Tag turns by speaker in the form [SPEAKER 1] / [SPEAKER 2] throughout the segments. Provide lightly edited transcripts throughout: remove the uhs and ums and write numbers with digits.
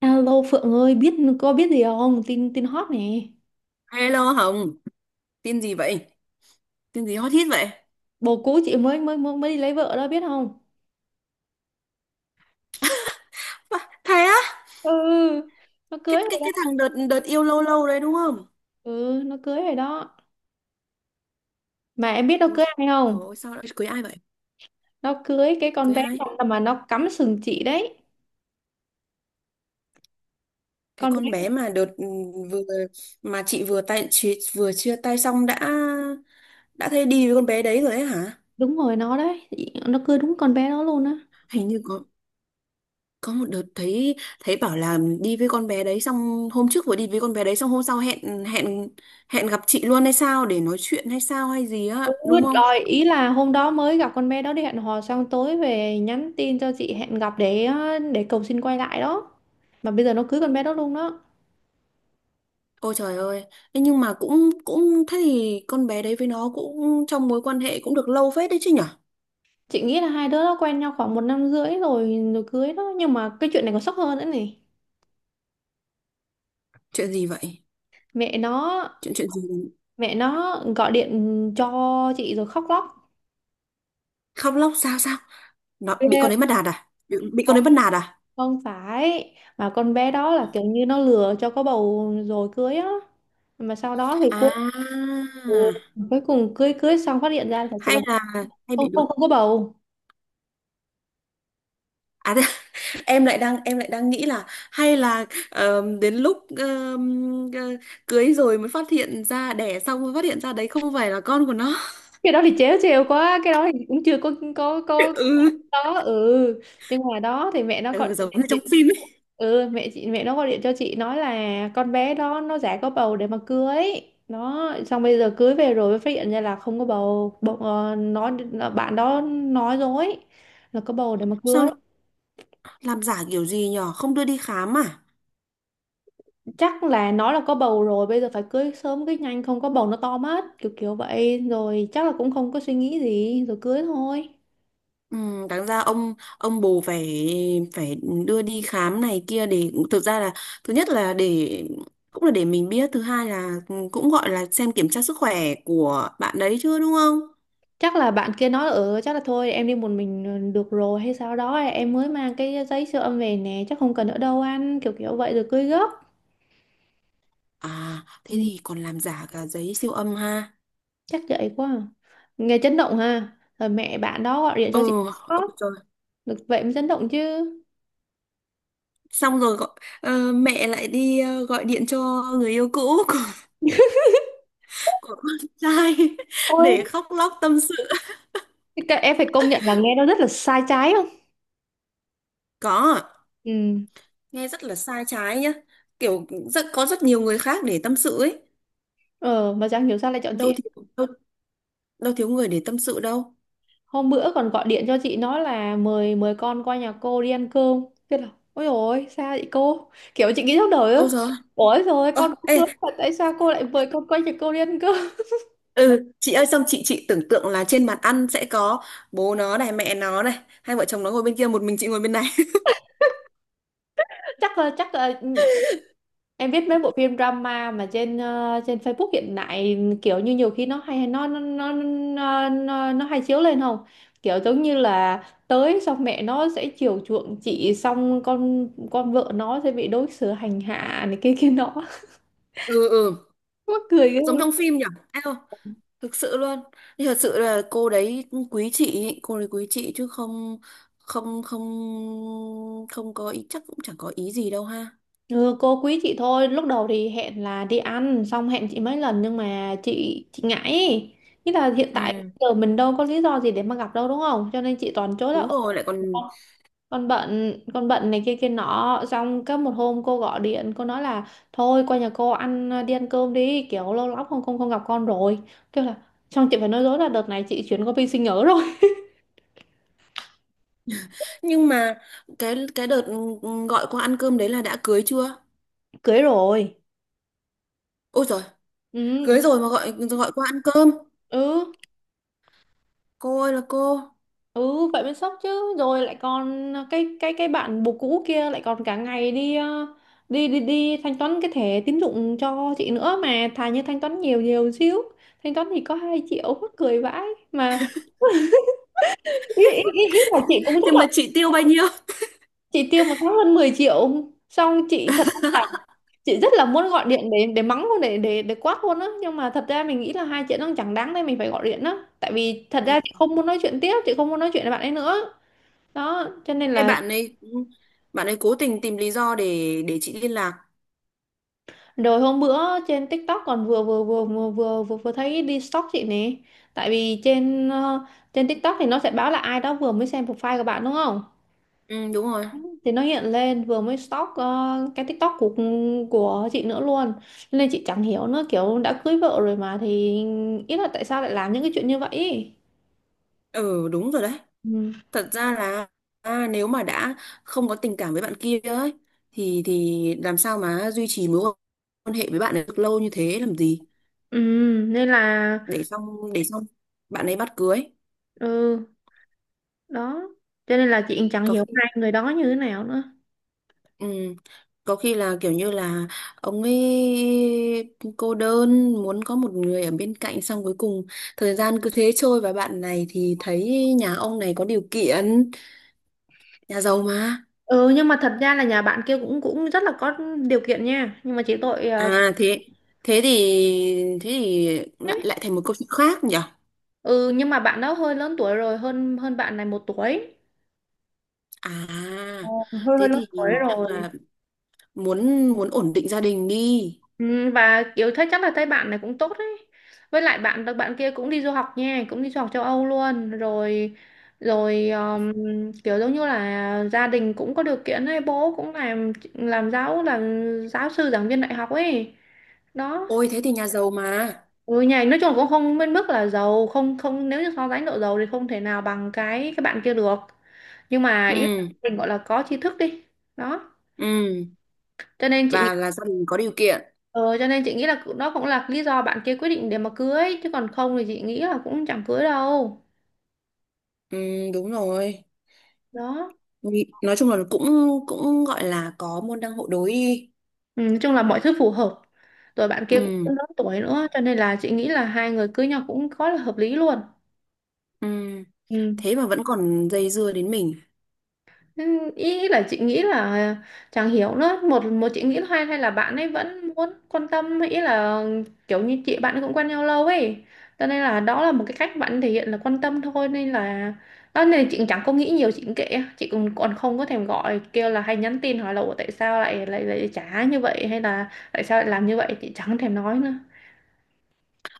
[SPEAKER 1] Alo Phượng ơi, có biết gì không? Tin tin hot nè.
[SPEAKER 2] Hello Hồng, tin gì vậy? Tin gì hot hit vậy?
[SPEAKER 1] Bồ cũ chị mới mới mới mới đi lấy vợ đó biết không?
[SPEAKER 2] Bà, thế á?
[SPEAKER 1] Ừ, nó
[SPEAKER 2] Cái
[SPEAKER 1] cưới
[SPEAKER 2] cái
[SPEAKER 1] rồi
[SPEAKER 2] cái
[SPEAKER 1] đó.
[SPEAKER 2] thằng đợt đợt yêu lâu lâu đấy đúng không?
[SPEAKER 1] Ừ, nó cưới rồi đó. Mà em biết nó
[SPEAKER 2] Ôi
[SPEAKER 1] cưới ai
[SPEAKER 2] trời
[SPEAKER 1] không?
[SPEAKER 2] ơi, sao lại cưới ai vậy?
[SPEAKER 1] Nó cưới cái con
[SPEAKER 2] Cưới
[SPEAKER 1] bé
[SPEAKER 2] ai?
[SPEAKER 1] mà nó cắm sừng chị đấy.
[SPEAKER 2] Cái
[SPEAKER 1] Con bé
[SPEAKER 2] con bé mà đợt vừa mà chị vừa tay chị vừa chia tay xong đã thấy đi với con bé đấy rồi ấy hả?
[SPEAKER 1] đúng rồi nó đấy. Nó cưới đúng con bé đó luôn á.
[SPEAKER 2] Hình như có một đợt thấy thấy bảo là đi với con bé đấy xong hôm trước vừa đi với con bé đấy xong hôm sau hẹn hẹn hẹn gặp chị luôn hay sao để nói chuyện hay sao hay gì
[SPEAKER 1] Ừ,
[SPEAKER 2] á, đúng không?
[SPEAKER 1] rồi ý là hôm đó mới gặp con bé đó đi hẹn hò xong tối về nhắn tin cho chị hẹn gặp để cầu xin quay lại đó. Mà bây giờ nó cưới con bé đó luôn đó.
[SPEAKER 2] Ôi trời ơi! Ê, nhưng mà cũng cũng thế thì con bé đấy với nó cũng trong mối quan hệ cũng được lâu phết đấy chứ nhở?
[SPEAKER 1] Chị nghĩ là hai đứa nó quen nhau khoảng một năm rưỡi rồi rồi cưới đó, nhưng mà cái chuyện này còn sốc hơn nữa này.
[SPEAKER 2] Chuyện gì vậy?
[SPEAKER 1] mẹ nó
[SPEAKER 2] Chuyện chuyện gì?
[SPEAKER 1] mẹ nó gọi điện cho chị rồi khóc lóc.
[SPEAKER 2] Khóc lóc sao sao? Nó bị
[SPEAKER 1] Ghê
[SPEAKER 2] con đấy bắt nạt à? Bị con
[SPEAKER 1] không.
[SPEAKER 2] đấy bắt nạt à?
[SPEAKER 1] Không phải, mà con bé đó là kiểu như nó lừa cho có bầu rồi cưới á, mà sau đó thì cuối
[SPEAKER 2] À,
[SPEAKER 1] cuối cùng cưới cưới xong phát hiện ra thật sự là
[SPEAKER 2] hay là hay
[SPEAKER 1] không
[SPEAKER 2] bị
[SPEAKER 1] không
[SPEAKER 2] được.
[SPEAKER 1] không có bầu.
[SPEAKER 2] À, thế- em lại đang nghĩ là hay là đến lúc cưới rồi mới phát hiện ra đẻ xong mới phát hiện ra đấy không phải là con của nó.
[SPEAKER 1] Cái đó thì trễ trêu quá, cái đó thì cũng chưa có
[SPEAKER 2] Ừ,
[SPEAKER 1] đó ừ. Nhưng mà đó thì mẹ nó gọi.
[SPEAKER 2] ừ giống như trong phim ấy.
[SPEAKER 1] Ừ, mẹ nó gọi điện cho chị nói là con bé đó nó giả có bầu để mà cưới nó, xong bây giờ cưới về rồi mới phát hiện ra là không có bầu bầu Bạn đó nói dối là có bầu để mà cưới.
[SPEAKER 2] Sao Làm giả kiểu gì nhở? Không đưa đi khám à?
[SPEAKER 1] Chắc là nó là có bầu rồi bây giờ phải cưới sớm cưới nhanh, không có bầu nó to mất, kiểu kiểu vậy rồi, chắc là cũng không có suy nghĩ gì rồi cưới thôi.
[SPEAKER 2] Ừ, đáng ra ông bố phải phải đưa đi khám này kia để thực ra là thứ nhất là để cũng là để mình biết, thứ hai là cũng gọi là xem kiểm tra sức khỏe của bạn đấy chưa đúng không?
[SPEAKER 1] Chắc là bạn kia nói ở, chắc là thôi em đi một mình được rồi hay sao đó, em mới mang cái giấy siêu âm về nè, chắc không cần nữa đâu anh, kiểu kiểu vậy rồi cưới gấp.
[SPEAKER 2] À, thế
[SPEAKER 1] Ừ.
[SPEAKER 2] thì còn làm giả cả giấy siêu âm ha.
[SPEAKER 1] Chắc vậy quá à. Nghe chấn động ha. Rồi mẹ bạn đó gọi điện cho chị,
[SPEAKER 2] Ừ, ôi
[SPEAKER 1] khóc.
[SPEAKER 2] trời.
[SPEAKER 1] Được vậy mới chấn động chứ.
[SPEAKER 2] Xong rồi gọi, mẹ lại đi gọi điện cho người yêu cũ của con trai
[SPEAKER 1] Ôi,
[SPEAKER 2] để khóc lóc tâm sự.
[SPEAKER 1] thế các em phải công nhận là nghe nó rất là sai trái không?
[SPEAKER 2] Có,
[SPEAKER 1] Ừ.
[SPEAKER 2] nghe rất là sai trái nhá, kiểu rất nhiều người khác để tâm sự ấy,
[SPEAKER 1] Ờ, mà chẳng hiểu sao lại chọn
[SPEAKER 2] đâu
[SPEAKER 1] chị.
[SPEAKER 2] thiếu đâu, đâu thiếu người để tâm sự đâu.
[SPEAKER 1] Hôm bữa còn gọi điện cho chị nói là mời mời con qua nhà cô đi ăn cơm. Thế là ôi dồi ôi sao vậy cô? Kiểu chị nghĩ trong đời á.
[SPEAKER 2] Ôi giời,
[SPEAKER 1] Ôi rồi
[SPEAKER 2] ơ
[SPEAKER 1] con cũng
[SPEAKER 2] ê,
[SPEAKER 1] lớn mà tại sao cô lại mời con qua nhà cô đi ăn cơm?
[SPEAKER 2] ừ chị ơi, xong chị tưởng tượng là trên bàn ăn sẽ có bố nó này mẹ nó này, hai vợ chồng nó ngồi bên kia, một mình chị ngồi bên này.
[SPEAKER 1] Chắc là ừ, em biết mấy bộ phim drama mà trên trên Facebook hiện tại, kiểu như nhiều khi nó hay chiếu lên không? Kiểu giống như là tới xong mẹ nó sẽ chiều chuộng chị, xong con vợ nó sẽ bị đối xử hành hạ này kia kia nọ.
[SPEAKER 2] Ừ, ừ
[SPEAKER 1] Mắc cười ghê
[SPEAKER 2] giống
[SPEAKER 1] luôn.
[SPEAKER 2] trong phim nhỉ. Eo, thực sự luôn. Nhưng thật sự là cô đấy quý chị ý, cô đấy quý chị chứ không không không không có ý, chắc cũng chẳng có ý gì đâu ha.
[SPEAKER 1] Ừ, cô quý chị thôi. Lúc đầu thì hẹn là đi ăn, xong hẹn chị mấy lần nhưng mà chị ngại ý. Nghĩa là hiện tại
[SPEAKER 2] Ừ.
[SPEAKER 1] giờ mình đâu có lý do gì để mà gặp đâu đúng không? Cho nên chị toàn chối là "Ờ,
[SPEAKER 2] Đúng rồi, lại còn...
[SPEAKER 1] con bận này kia kia nọ." Xong có một hôm cô gọi điện cô nói là thôi qua nhà cô ăn à, đi ăn cơm đi, kiểu lâu lắm không không không gặp con rồi, kêu là. Xong chị phải nói dối là đợt này chị chuyển qua bên sinh nhớ rồi.
[SPEAKER 2] Nhưng mà cái đợt gọi qua ăn cơm đấy là đã cưới chưa?
[SPEAKER 1] Cưới rồi.
[SPEAKER 2] Ôi trời,
[SPEAKER 1] Ừ.
[SPEAKER 2] cưới rồi mà gọi gọi qua ăn cơm.
[SPEAKER 1] Ừ.
[SPEAKER 2] Cô ơi là cô.
[SPEAKER 1] Ừ, vậy mới sốc chứ. Rồi lại còn cái bạn bồ cũ kia lại còn cả ngày đi ờ, đi đi đi thanh toán cái thẻ tín dụng cho chị nữa. Mà thà như thanh toán nhiều nhiều xíu, thanh toán thì có hai triệu mắc cười vãi. Mà ý là chị cũng rất
[SPEAKER 2] Nhưng
[SPEAKER 1] là,
[SPEAKER 2] mà chị tiêu bao nhiêu?
[SPEAKER 1] chị tiêu một tháng hơn 10 triệu. Xong chị thật là, chị rất là muốn gọi điện để mắng luôn, để quát luôn á, nhưng mà thật ra mình nghĩ là hai chuyện nó chẳng đáng nên mình phải gọi điện á. Tại vì thật
[SPEAKER 2] Ừ.
[SPEAKER 1] ra chị không muốn nói chuyện tiếp, chị không muốn nói chuyện với bạn ấy nữa. Đó, cho nên
[SPEAKER 2] Cái
[SPEAKER 1] là.
[SPEAKER 2] bạn ấy ừ, Bạn ấy cố tình tìm lý do để chị liên lạc.
[SPEAKER 1] Rồi hôm bữa trên TikTok còn vừa thấy đi stalk chị nè. Tại vì trên trên TikTok thì nó sẽ báo là ai đó vừa mới xem profile của bạn đúng không,
[SPEAKER 2] Ừ đúng rồi.
[SPEAKER 1] thì nó hiện lên vừa mới stalk cái TikTok của chị nữa luôn. Nên chị chẳng hiểu nữa, kiểu đã cưới vợ rồi mà thì, ý là tại sao lại làm những cái chuyện như vậy ý.
[SPEAKER 2] Ừ đúng rồi đấy.
[SPEAKER 1] Ừ.
[SPEAKER 2] Thật ra là nếu mà đã không có tình cảm với bạn kia ấy thì làm sao mà duy trì mối quan hệ với bạn ấy được lâu như thế làm gì?
[SPEAKER 1] Ừ, nên là
[SPEAKER 2] Để xong bạn ấy bắt cưới.
[SPEAKER 1] ừ. Đó cho nên là chị chẳng hiểu hai người đó như thế nào nữa.
[SPEAKER 2] Ừ. Có khi là kiểu như là ông ấy cô đơn muốn có một người ở bên cạnh, xong cuối cùng thời gian cứ thế trôi và bạn này thì thấy nhà ông này có điều kiện, nhà giàu mà.
[SPEAKER 1] Ừ, nhưng mà thật ra là nhà bạn kia cũng cũng rất là có điều kiện nha, nhưng mà chỉ tội
[SPEAKER 2] À, thế thế thì thế thì lại lại thành một câu chuyện khác nhỉ.
[SPEAKER 1] ừ nhưng mà bạn đó hơi lớn tuổi rồi, hơn hơn bạn này một tuổi. Ờ,
[SPEAKER 2] À,
[SPEAKER 1] hơi hơi
[SPEAKER 2] thế
[SPEAKER 1] lớn
[SPEAKER 2] thì
[SPEAKER 1] tuổi
[SPEAKER 2] chắc
[SPEAKER 1] rồi.
[SPEAKER 2] là muốn muốn ổn định gia đình đi.
[SPEAKER 1] Ừ, và kiểu thấy chắc là thấy bạn này cũng tốt đấy. Với lại bạn bạn kia cũng đi du học nha, cũng đi du học châu Âu luôn rồi. Rồi kiểu giống như là gia đình cũng có điều kiện ấy, bố cũng làm giáo sư giảng viên đại học ấy. Đó.
[SPEAKER 2] Ôi thế thì nhà giàu mà.
[SPEAKER 1] Ừ, nhà nói chung là cũng không bên mức là giàu không không nếu như so sánh độ giàu thì không thể nào bằng cái bạn kia được, nhưng mà ý là
[SPEAKER 2] Ừ,
[SPEAKER 1] mình gọi là có tri thức đi. Đó
[SPEAKER 2] ừ,
[SPEAKER 1] cho nên chị.
[SPEAKER 2] và là gia đình có điều kiện.
[SPEAKER 1] Ờ, cho nên chị nghĩ là nó cũng là lý do bạn kia quyết định để mà cưới, chứ còn không thì chị nghĩ là cũng chẳng cưới đâu.
[SPEAKER 2] Ừ, đúng rồi.
[SPEAKER 1] Đó.
[SPEAKER 2] Nói chung là cũng cũng gọi là có môn đăng hộ đối đi.
[SPEAKER 1] Ừ, nói chung là mọi thứ phù hợp. Rồi bạn kia
[SPEAKER 2] Ừ,
[SPEAKER 1] cũng lớn tuổi nữa cho nên là chị nghĩ là hai người cưới nhau cũng có là hợp lý luôn.
[SPEAKER 2] ừ,
[SPEAKER 1] Ừ.
[SPEAKER 2] thế mà vẫn còn dây dưa đến mình.
[SPEAKER 1] Ừ, ý là chị nghĩ là chẳng hiểu nữa, một một chị nghĩ là hay hay là bạn ấy vẫn muốn quan tâm, ý là kiểu như chị bạn cũng quen nhau lâu ấy, cho nên là đó là một cái cách bạn thể hiện là quan tâm thôi nên là. Đó nên là chị chẳng có nghĩ nhiều, chị cũng kệ, chị cũng còn không có thèm gọi kêu là hay nhắn tin hỏi là "Ủa, tại sao lại lại lại trả như vậy, hay là tại sao lại làm như vậy", chị chẳng thèm nói nữa.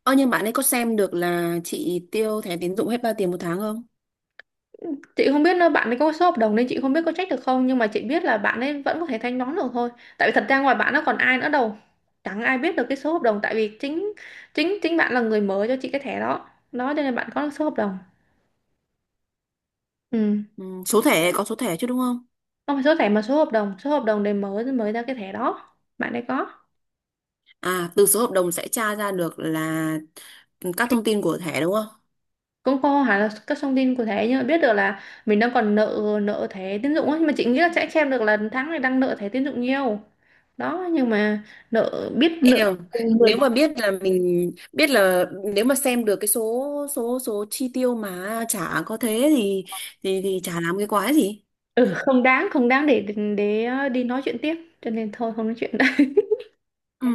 [SPEAKER 2] Ơ nhưng bạn ấy có xem được là chị tiêu thẻ tín dụng hết bao tiền một tháng không?
[SPEAKER 1] Chị không biết là bạn ấy có số hợp đồng nên chị không biết có trách được không, nhưng mà chị biết là bạn ấy vẫn có thể thanh toán được thôi. Tại vì thật ra ngoài bạn nó còn ai nữa đâu, chẳng ai biết được cái số hợp đồng. Tại vì chính chính chính bạn là người mở cho chị cái thẻ đó, đó cho nên bạn có số hợp đồng. Ừ.
[SPEAKER 2] Ừ. Số thẻ, có số thẻ chứ đúng không?
[SPEAKER 1] Không phải số thẻ mà số hợp đồng để mở mới ra cái thẻ đó, bạn ấy có.
[SPEAKER 2] À, từ số hợp đồng sẽ tra ra được là các thông tin của thẻ đúng không?
[SPEAKER 1] Cũng có hẳn là các thông tin của thẻ, nhưng mà biết được là mình đang còn nợ nợ thẻ tín dụng ấy. Nhưng mà chị nghĩ là sẽ xem được là tháng này đang nợ thẻ tín dụng nhiều. Đó nhưng mà, nợ biết nợ,
[SPEAKER 2] Em,
[SPEAKER 1] mười.
[SPEAKER 2] nếu mà biết là mình biết là nếu mà xem được cái số số số chi tiêu mà chả có thế thì chả làm cái quái gì.
[SPEAKER 1] Ừ, không đáng, không đáng để đi nói chuyện tiếp, cho nên thôi không nói chuyện nữa.
[SPEAKER 2] Ừ,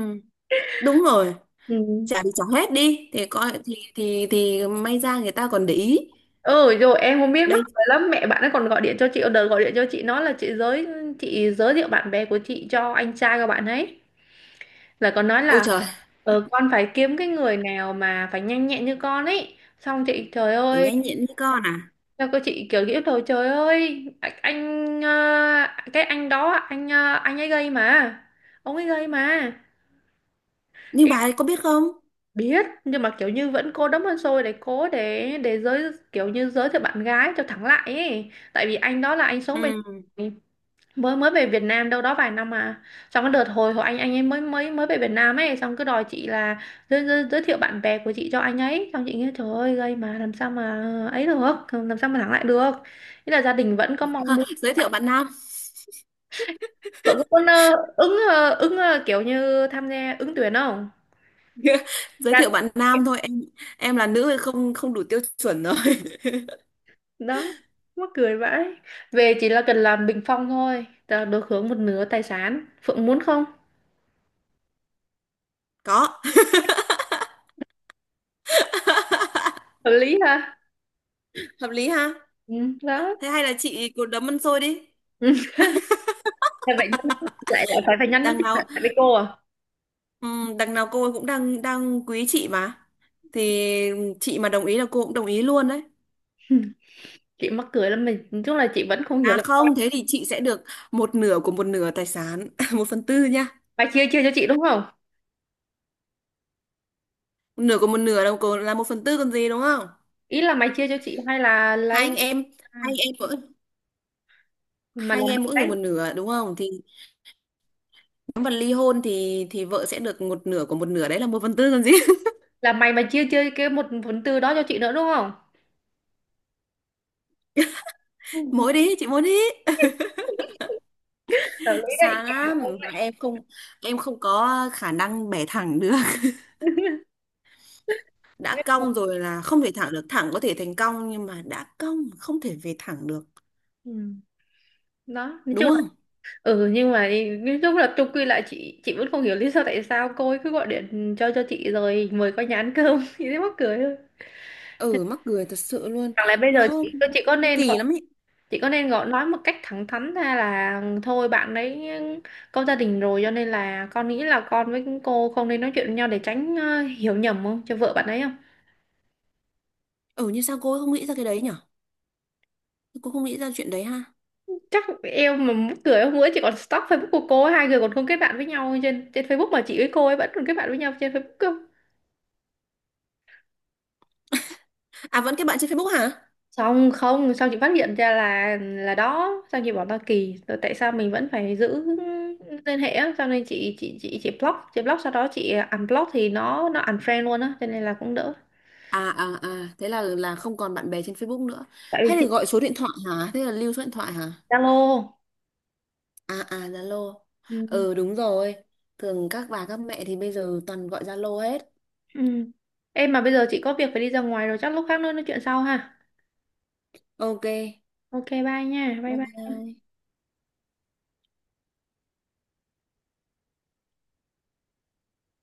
[SPEAKER 2] đúng rồi.
[SPEAKER 1] Ừ.
[SPEAKER 2] Trả đi, trả hết đi thì coi thì may ra người ta còn để ý.
[SPEAKER 1] Ừ rồi em không biết, mắc
[SPEAKER 2] Đây.
[SPEAKER 1] cười lắm, mẹ bạn ấy còn gọi điện cho chị. Đợt gọi điện cho chị nói là chị giới thiệu bạn bè của chị cho anh trai của bạn ấy, là còn nói
[SPEAKER 2] Ôi
[SPEAKER 1] là
[SPEAKER 2] trời,
[SPEAKER 1] con phải kiếm cái người nào mà phải nhanh nhẹn như con ấy, xong chị trời
[SPEAKER 2] phải
[SPEAKER 1] ơi,
[SPEAKER 2] nhanh nhẹn như con à?
[SPEAKER 1] sao cô, chị kiểu nghĩ rồi trời ơi, anh, cái anh đó, anh ấy gây mà, ông ấy gây mà.
[SPEAKER 2] Nhưng bà ấy có biết không?
[SPEAKER 1] Biết, nhưng mà kiểu như vẫn cố đấm hơn xôi, để cố để giới kiểu như giới thiệu bạn gái cho thẳng lại ấy. Tại vì anh đó là anh sống bên,
[SPEAKER 2] Ừ.
[SPEAKER 1] mới mới về Việt Nam đâu đó vài năm mà. Trong cái đợt hồi hồi anh ấy mới mới mới về Việt Nam ấy, xong cứ đòi chị là giới thiệu bạn bè của chị cho anh ấy, xong chị nghĩ trời ơi, gây mà làm sao mà ấy được, làm sao mà thẳng lại được. Nghĩa là gia đình vẫn có mong
[SPEAKER 2] Ha,
[SPEAKER 1] muốn.
[SPEAKER 2] giới thiệu bạn nam.
[SPEAKER 1] Cậu có muốn kiểu như tham gia ứng tuyển không?
[SPEAKER 2] Giới thiệu bạn nam thôi em là nữ thì không không đủ tiêu chuẩn rồi.
[SPEAKER 1] Đó, mắc cười vãi. Về chỉ là cần làm bình phong thôi, ta đối hướng một nửa tài sản Phượng muốn không?
[SPEAKER 2] Có.
[SPEAKER 1] Hợp lý ha.
[SPEAKER 2] Hợp lý ha.
[SPEAKER 1] Ừ, đó.
[SPEAKER 2] Thế hay là chị cứ đấm ăn xôi đi.
[SPEAKER 1] Thế vậy nhắn lại lại phải phải nhắn
[SPEAKER 2] Đằng
[SPEAKER 1] tin
[SPEAKER 2] nào
[SPEAKER 1] lại với cô à.
[SPEAKER 2] đằng nào cô ấy cũng đang đang quý chị mà, thì chị mà đồng ý là cô cũng đồng ý luôn đấy.
[SPEAKER 1] Chị mắc cười lắm, mình nói chung là chị vẫn không hiểu
[SPEAKER 2] À
[SPEAKER 1] là sao.
[SPEAKER 2] không, thế thì chị sẽ được một nửa của một nửa tài sản, một phần tư nha.
[SPEAKER 1] Mày chia chia cho chị đúng không?
[SPEAKER 2] Một nửa của một nửa là là một phần tư còn gì đúng không?
[SPEAKER 1] Ý là mày chia cho chị hay là
[SPEAKER 2] Hai anh
[SPEAKER 1] lấy?
[SPEAKER 2] em,
[SPEAKER 1] À,
[SPEAKER 2] hai anh em mỗi
[SPEAKER 1] mà
[SPEAKER 2] Hai
[SPEAKER 1] là
[SPEAKER 2] anh
[SPEAKER 1] mày
[SPEAKER 2] em mỗi người một
[SPEAKER 1] lấy,
[SPEAKER 2] nửa đúng không? Thì nếu mà ly hôn thì vợ sẽ được một nửa của một nửa đấy là một phần tư còn gì?
[SPEAKER 1] là mày mà chia chia cái một phần tư đó cho chị nữa đúng không?
[SPEAKER 2] Mỗi đi, chị mỗi đi.
[SPEAKER 1] Hợp lý đấy.
[SPEAKER 2] Xa
[SPEAKER 1] Cả không
[SPEAKER 2] lắm, mà
[SPEAKER 1] lại
[SPEAKER 2] em không có khả năng bẻ thẳng được.
[SPEAKER 1] biết.
[SPEAKER 2] Đã cong rồi là không thể thẳng được, thẳng có thể thành cong nhưng mà đã cong không thể về thẳng được,
[SPEAKER 1] Ừ, đó nói
[SPEAKER 2] đúng
[SPEAKER 1] chung.
[SPEAKER 2] không?
[SPEAKER 1] Ừ nhưng mà nói chung là chung quy lại, chị vẫn không hiểu lý do tại sao cô ấy cứ gọi điện cho chị rồi mời qua nhà ăn cơm. Chị thấy mắc cười thôi.
[SPEAKER 2] Ừ, mắc cười thật sự luôn.
[SPEAKER 1] Chẳng lẽ bây giờ
[SPEAKER 2] nó
[SPEAKER 1] chị có
[SPEAKER 2] nó
[SPEAKER 1] nên gọi
[SPEAKER 2] kỳ lắm ấy.
[SPEAKER 1] chị có nên gọi nói một cách thẳng thắn ra là thôi bạn ấy có gia đình rồi, cho nên là con nghĩ là con với cô không nên nói chuyện với nhau để tránh hiểu nhầm không cho vợ bạn ấy không?
[SPEAKER 2] Ừ, như sao cô ấy không nghĩ ra cái đấy nhở? Cô không nghĩ ra chuyện đấy ha.
[SPEAKER 1] Chắc em mà mắc cười, hôm bữa chị còn stalk Facebook của cô ấy, hai người còn không kết bạn với nhau trên trên Facebook mà chị với cô ấy vẫn còn kết bạn với nhau trên Facebook cơ.
[SPEAKER 2] À, vẫn cái bạn trên Facebook hả?
[SPEAKER 1] Xong không, xong chị phát hiện ra là đó, xong chị bảo là kỳ rồi tại sao mình vẫn phải giữ liên hệ á, xong nên chị block, sau đó chị unblock thì nó unfriend luôn á, cho nên là cũng đỡ.
[SPEAKER 2] À, thế là không còn bạn bè trên Facebook nữa.
[SPEAKER 1] Tại vì
[SPEAKER 2] Hay là
[SPEAKER 1] chị
[SPEAKER 2] gọi số điện thoại hả? Thế là lưu số điện thoại hả?
[SPEAKER 1] Zalo.
[SPEAKER 2] À, Zalo.
[SPEAKER 1] Ừ.
[SPEAKER 2] Ừ, đúng rồi, thường các bà các mẹ thì bây giờ toàn gọi Zalo hết.
[SPEAKER 1] Ừ. Em mà bây giờ chị có việc phải đi ra ngoài rồi, chắc lúc khác nữa nói chuyện sau ha.
[SPEAKER 2] OK,
[SPEAKER 1] OK. Bye nha, bye
[SPEAKER 2] bye
[SPEAKER 1] bye.
[SPEAKER 2] bye.